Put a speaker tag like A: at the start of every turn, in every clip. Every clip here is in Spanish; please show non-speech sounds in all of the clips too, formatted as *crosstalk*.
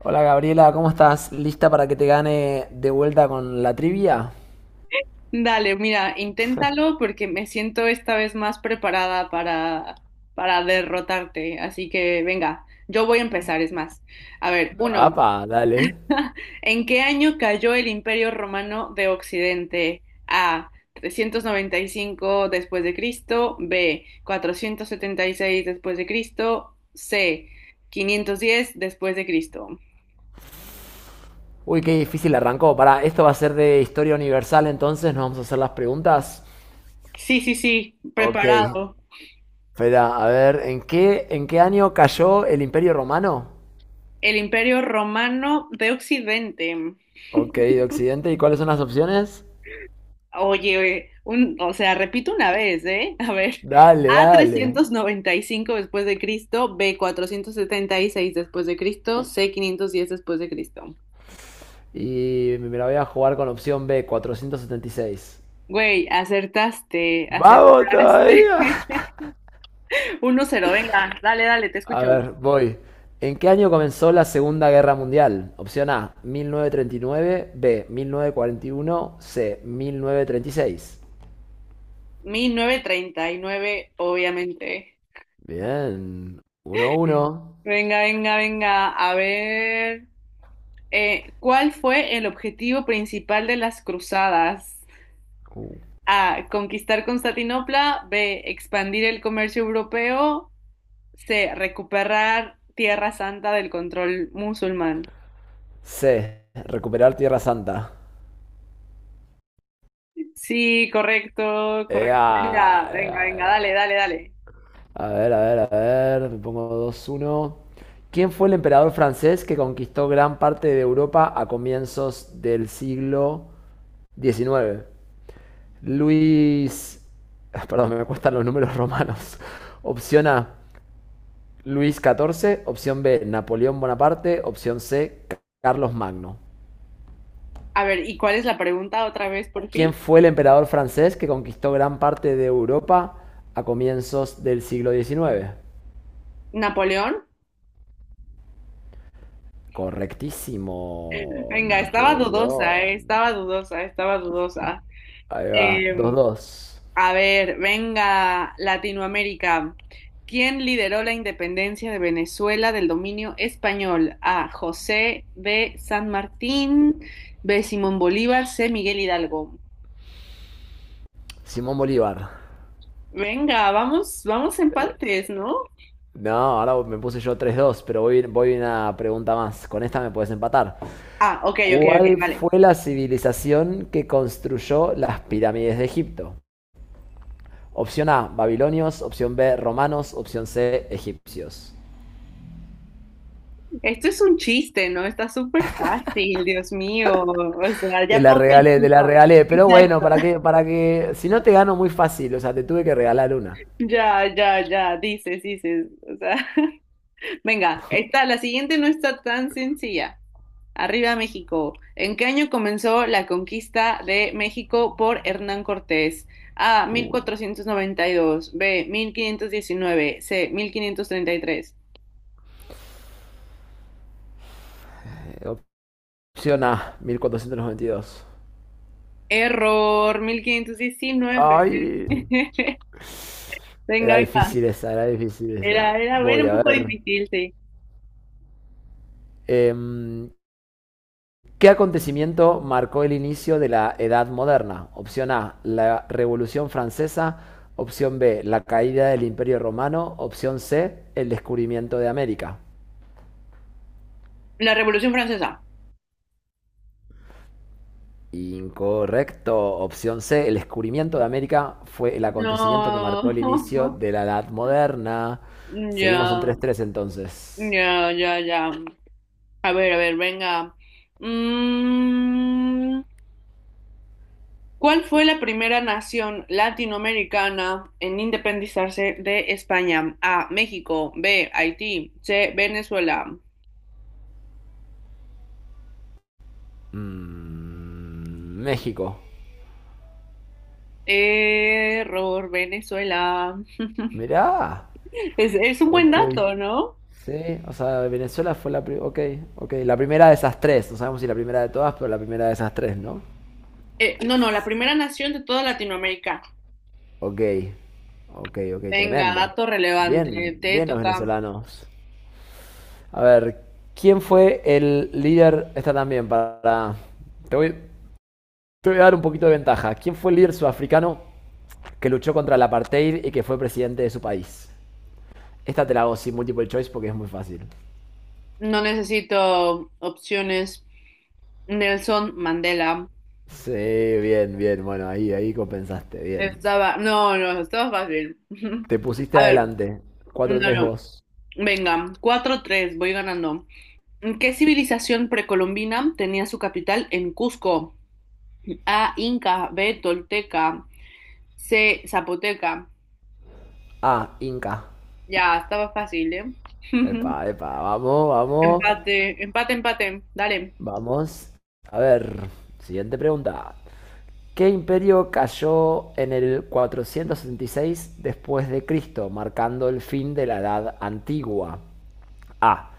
A: Hola Gabriela, ¿cómo estás? ¿Lista para que te gane de vuelta con la trivia?
B: Dale, mira, inténtalo porque me siento esta vez más preparada para derrotarte. Así que venga, yo voy a empezar, es más. A ver, uno,
A: Apa, dale.
B: ¿en qué año cayó el Imperio Romano de Occidente? A. 395 después de Cristo, B. 476 después de Cristo, C. 510 después de Cristo.
A: Uy, qué difícil arrancó. Para, esto va a ser de historia universal, entonces nos vamos a hacer las preguntas.
B: Sí, sí, sí,
A: Ok,
B: preparado.
A: espera, a ver, ¿en qué año cayó el Imperio Romano?
B: El Imperio Romano de Occidente.
A: Ok, de Occidente, ¿y cuáles son las opciones?
B: Oye, oye, o sea, repito una vez, ¿eh? A ver,
A: Dale,
B: A
A: dale.
B: 395 después de Cristo, B 476 después de Cristo, C 510 después de Cristo.
A: Y me la voy a jugar con opción B, 476.
B: Güey, acertaste,
A: Vamos
B: acertaste.
A: todavía.
B: *laughs* 1-0, venga, dale, dale, te
A: A
B: escucho.
A: ver, voy. ¿En qué año comenzó la Segunda Guerra Mundial? Opción A, 1939, B, 1941, C, 1936.
B: 1939, obviamente.
A: Bien, 1-1.
B: Venga, venga, venga, a ver. ¿Cuál fue el objetivo principal de las cruzadas?
A: Uh.
B: A. Conquistar Constantinopla. B. Expandir el comercio europeo. C. Recuperar Tierra Santa del control musulmán.
A: C, recuperar Tierra Santa.
B: Sí, correcto,
A: Ea,
B: correcto. Venga, venga,
A: ea,
B: venga,
A: ea.
B: dale, dale, dale.
A: A ver, a ver, a ver, me pongo 2-1. ¿Quién fue el emperador francés que conquistó gran parte de Europa a comienzos del siglo XIX? Luis, ah, perdón, me cuestan los números romanos. *laughs* Opción A, Luis XIV. Opción B, Napoleón Bonaparte. Opción C, Carlos Magno.
B: A ver, ¿y cuál es la pregunta otra vez por fin?
A: ¿Quién fue el emperador francés que conquistó gran parte de Europa a comienzos del siglo XIX?
B: ¿Napoleón?
A: Correctísimo,
B: Venga, estaba dudosa,
A: Napoleón.
B: estaba dudosa, estaba dudosa.
A: Ahí va, dos
B: Em,
A: dos.
B: A ver, venga, Latinoamérica. ¿Quién lideró la independencia de Venezuela del dominio español? A. José de San Martín, B. Simón Bolívar, C. Miguel Hidalgo.
A: Simón Bolívar.
B: Venga, vamos, vamos empates, ¿no?
A: No, ahora me puse yo 3-2, pero voy una pregunta más. Con esta me puedes empatar.
B: Ah, ok, ok, ok,
A: ¿Cuál
B: vale.
A: fue la civilización que construyó las pirámides de Egipto? Opción A, babilonios. Opción B, romanos. Opción C, egipcios.
B: Esto es un chiste, ¿no? Está súper fácil, Dios mío. O sea,
A: Te
B: ya
A: la
B: ponme el
A: regalé, te la
B: punto.
A: regalé. Pero bueno,
B: Exacto.
A: para que, si no te gano muy fácil, o sea, te tuve que regalar una.
B: Ya, ya, ya, dices, dices. O sea, *laughs* venga, esta, la siguiente no está tan sencilla. Arriba México. ¿En qué año comenzó la conquista de México por Hernán Cortés? A. mil
A: Uh,
B: cuatrocientos noventa y dos. B. 1519. C. 1533.
A: eh, opción A, 1492.
B: Error. 1519.
A: Ay,
B: *laughs* Venga,
A: era
B: venga.
A: difícil esa, era difícil esa.
B: Era
A: Voy
B: un
A: a
B: poco
A: ver.
B: difícil, sí.
A: Em, ¿Qué acontecimiento marcó el inicio de la Edad Moderna? Opción A, la Revolución Francesa. Opción B, la caída del Imperio Romano. Opción C, el descubrimiento de América.
B: La Revolución Francesa.
A: Incorrecto. Opción C, el descubrimiento de América fue el acontecimiento que marcó el inicio
B: No. *laughs*
A: de la Edad Moderna.
B: Ya,
A: Seguimos en 3-3 entonces.
B: ya, ya, ya. A ver, venga. Mm. ¿Cuál fue la primera nación latinoamericana en independizarse de España? A. México. B. Haití. C. Venezuela.
A: Mm, México.
B: Error, Venezuela.
A: Mirá.
B: Es un buen
A: Ok.
B: dato, ¿no?
A: Sí, o sea, Venezuela fue la primera. Ok, ok. La primera de esas tres. No sabemos si la primera de todas, pero la primera de esas tres, ¿no?
B: No, no, la primera nación de toda Latinoamérica.
A: Ok, ok, ok.
B: Venga,
A: Tremendo.
B: dato
A: Bien,
B: relevante. Te
A: bien los
B: toca.
A: venezolanos. A ver, ¿quién fue el líder? Esta también para. Te voy, te voy a dar un poquito de ventaja. ¿Quién fue el líder sudafricano que luchó contra el apartheid y que fue presidente de su país? Esta te la hago sin multiple choice porque es muy fácil.
B: No necesito opciones. Nelson Mandela.
A: Sí, bien, bien. Bueno, ahí, ahí compensaste. Bien.
B: Estaba. No, no, estaba fácil. *laughs*
A: Te pusiste
B: A ver,
A: adelante.
B: no,
A: 4-3
B: no.
A: vos.
B: Venga, 4-3 voy ganando. ¿Qué civilización precolombina tenía su capital en Cusco? A, Inca, B, Tolteca, C, Zapoteca.
A: Ah, Inca.
B: Ya, estaba fácil, ¿eh?
A: Epa,
B: *laughs*
A: epa, vamos, vamos,
B: Empate, empate, empate. Dale.
A: vamos. A ver, siguiente pregunta. ¿Qué imperio cayó en el 466 después de Cristo, marcando el fin de la Edad Antigua? A.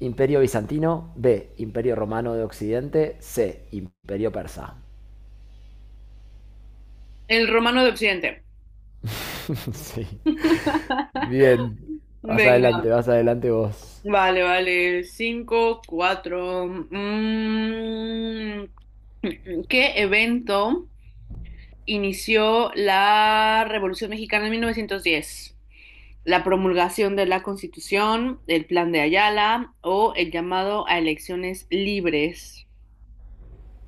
A: Imperio bizantino. B. Imperio romano de Occidente. C. Imperio persa.
B: El romano de Occidente.
A: *laughs* sí.
B: *laughs*
A: Bien.
B: Venga.
A: Vas adelante vos.
B: Vale, vale. 5-4. Mm. ¿Qué evento inició la Revolución Mexicana en 1910? La promulgación de la Constitución, el plan de Ayala o el llamado a elecciones libres.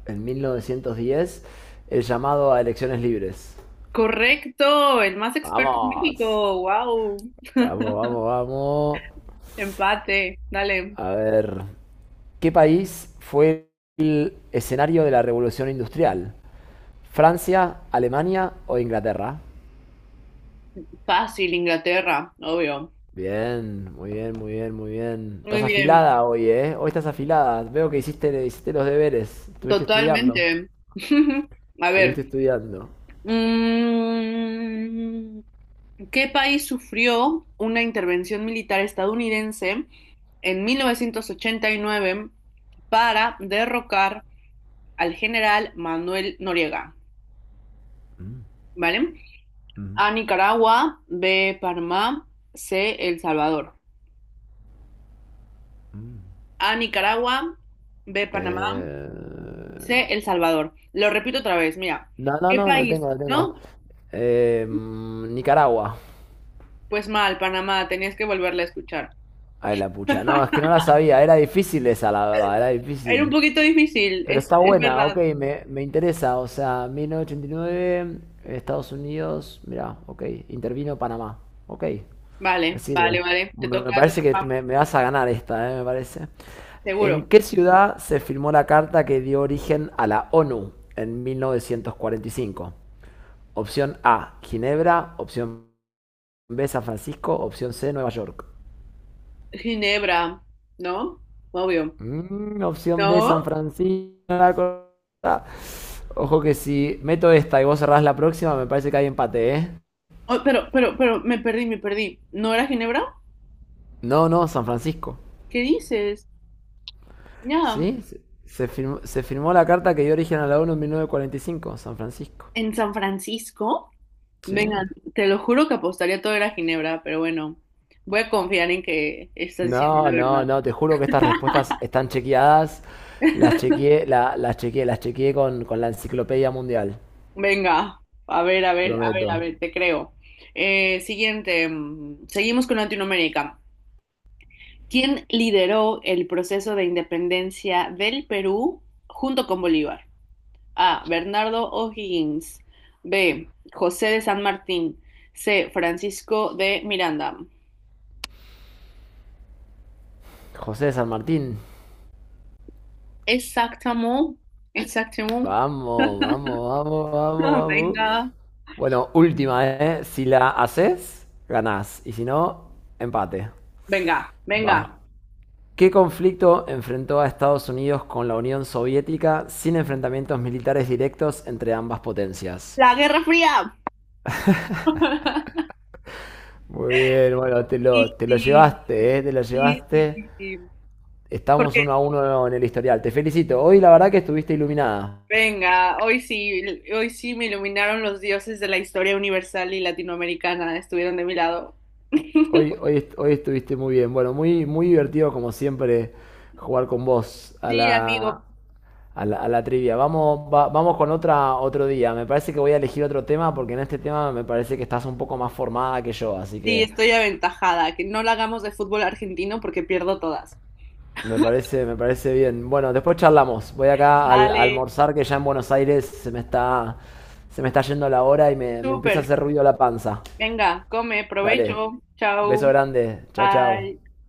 A: En 1910 el llamado a elecciones libres.
B: Correcto, el más experto en
A: Vamos,
B: México. Wow.
A: vamos, vamos,
B: *laughs*
A: vamos.
B: Empate. Dale.
A: A ver, ¿qué país fue el escenario de la revolución industrial? ¿Francia, Alemania o Inglaterra?
B: Fácil, Inglaterra, obvio.
A: Bien, muy bien, muy bien, muy bien.
B: Muy
A: Estás
B: bien,
A: afilada hoy, ¿eh? Hoy estás afilada. Veo que hiciste, hiciste los deberes. Estuviste estudiando.
B: totalmente. *laughs* A
A: Estuviste
B: ver,
A: estudiando.
B: mm, ¿qué país sufrió una intervención militar estadounidense en 1989 para derrocar al general Manuel Noriega,
A: Mm,
B: ¿vale?
A: mm.
B: A Nicaragua, B, Panamá, C, El Salvador. A Nicaragua, B, Panamá, C,
A: Eh...
B: El Salvador. Lo repito otra vez, mira,
A: No, no,
B: ¿qué
A: no, lo
B: país?
A: tengo, lo tengo.
B: ¿No?
A: Nicaragua.
B: Pues mal, Panamá, tenías que volverla a escuchar.
A: Ay, la pucha. No, es que no
B: *laughs*
A: la sabía. Era difícil esa, la verdad, era
B: Era un
A: difícil.
B: poquito difícil,
A: Pero
B: es,
A: está
B: es
A: buena, ok,
B: verdad.
A: me interesa. O sea, 1989, Estados Unidos, mirá, ok. Intervino Panamá. Ok, me
B: Vale,
A: sirve.
B: vale, vale,
A: Me
B: te
A: parece que
B: toca,
A: me vas a ganar esta, me parece. ¿En
B: seguro.
A: qué ciudad se firmó la carta que dio origen a la ONU en 1945? Opción A, Ginebra. Opción B, San Francisco. Opción C, Nueva York.
B: Ginebra, ¿no? Obvio.
A: Mm, opción B, San
B: ¿No?
A: Francisco. Ojo que si meto esta y vos cerrás la próxima, me parece que hay empate, ¿eh?
B: Oh, pero, me perdí, me perdí. ¿No era Ginebra?
A: No, no, San Francisco.
B: ¿Qué dices? Ya,
A: ¿Sí? Se firmó la carta que dio origen a la ONU en 1945 San Francisco.
B: en San Francisco, venga,
A: Sí.
B: te lo juro que apostaría todo era Ginebra, pero bueno, voy a confiar en que estás diciendo la
A: No, no,
B: verdad.
A: no, te juro que estas respuestas están chequeadas. Las chequeé con la enciclopedia mundial.
B: Venga, a ver, a ver, a ver, a
A: Prometo.
B: ver, te creo. Siguiente, seguimos con Latinoamérica. ¿Quién lideró el proceso de independencia del Perú junto con Bolívar? A. Bernardo O'Higgins. B. José de San Martín. C. Francisco de Miranda.
A: José de San Martín.
B: Exactamente, exactamente.
A: Vamos, vamos,
B: *laughs*
A: vamos, vamos, vamos.
B: Venga,
A: Bueno, última, ¿eh? Si la haces, ganás. Y si no, empate.
B: venga,
A: Va.
B: venga.
A: ¿Qué conflicto enfrentó a Estados Unidos con la Unión Soviética sin enfrentamientos militares directos entre ambas potencias?
B: La Guerra Fría. *laughs*
A: Muy bien, bueno, te lo,
B: Sí,
A: te lo
B: sí,
A: llevaste, ¿eh? Te lo
B: sí, sí,
A: llevaste.
B: sí, sí.
A: Estamos
B: Porque
A: 1-1 en el historial. Te felicito. Hoy la verdad que estuviste iluminada.
B: Venga, hoy sí me iluminaron los dioses de la historia universal y latinoamericana, estuvieron de mi lado.
A: Hoy,
B: *laughs*
A: hoy, est- hoy estuviste muy bien. Bueno, muy, muy divertido como siempre jugar con vos a
B: Sí,
A: la,
B: amigo,
A: trivia. Vamos, vamos con otra otro día. Me parece que voy a elegir otro tema porque en este tema me parece que estás un poco más formada que yo, así
B: sí,
A: que
B: estoy aventajada, que no la hagamos de fútbol argentino porque pierdo todas.
A: me parece bien. Bueno, después charlamos. Voy acá a
B: Dale,
A: almorzar que ya en Buenos Aires se me está yendo la hora y me empieza a hacer
B: súper.
A: ruido la panza.
B: Venga, come,
A: Dale.
B: provecho. Chao.
A: Beso grande. Chao, chao.
B: Bye.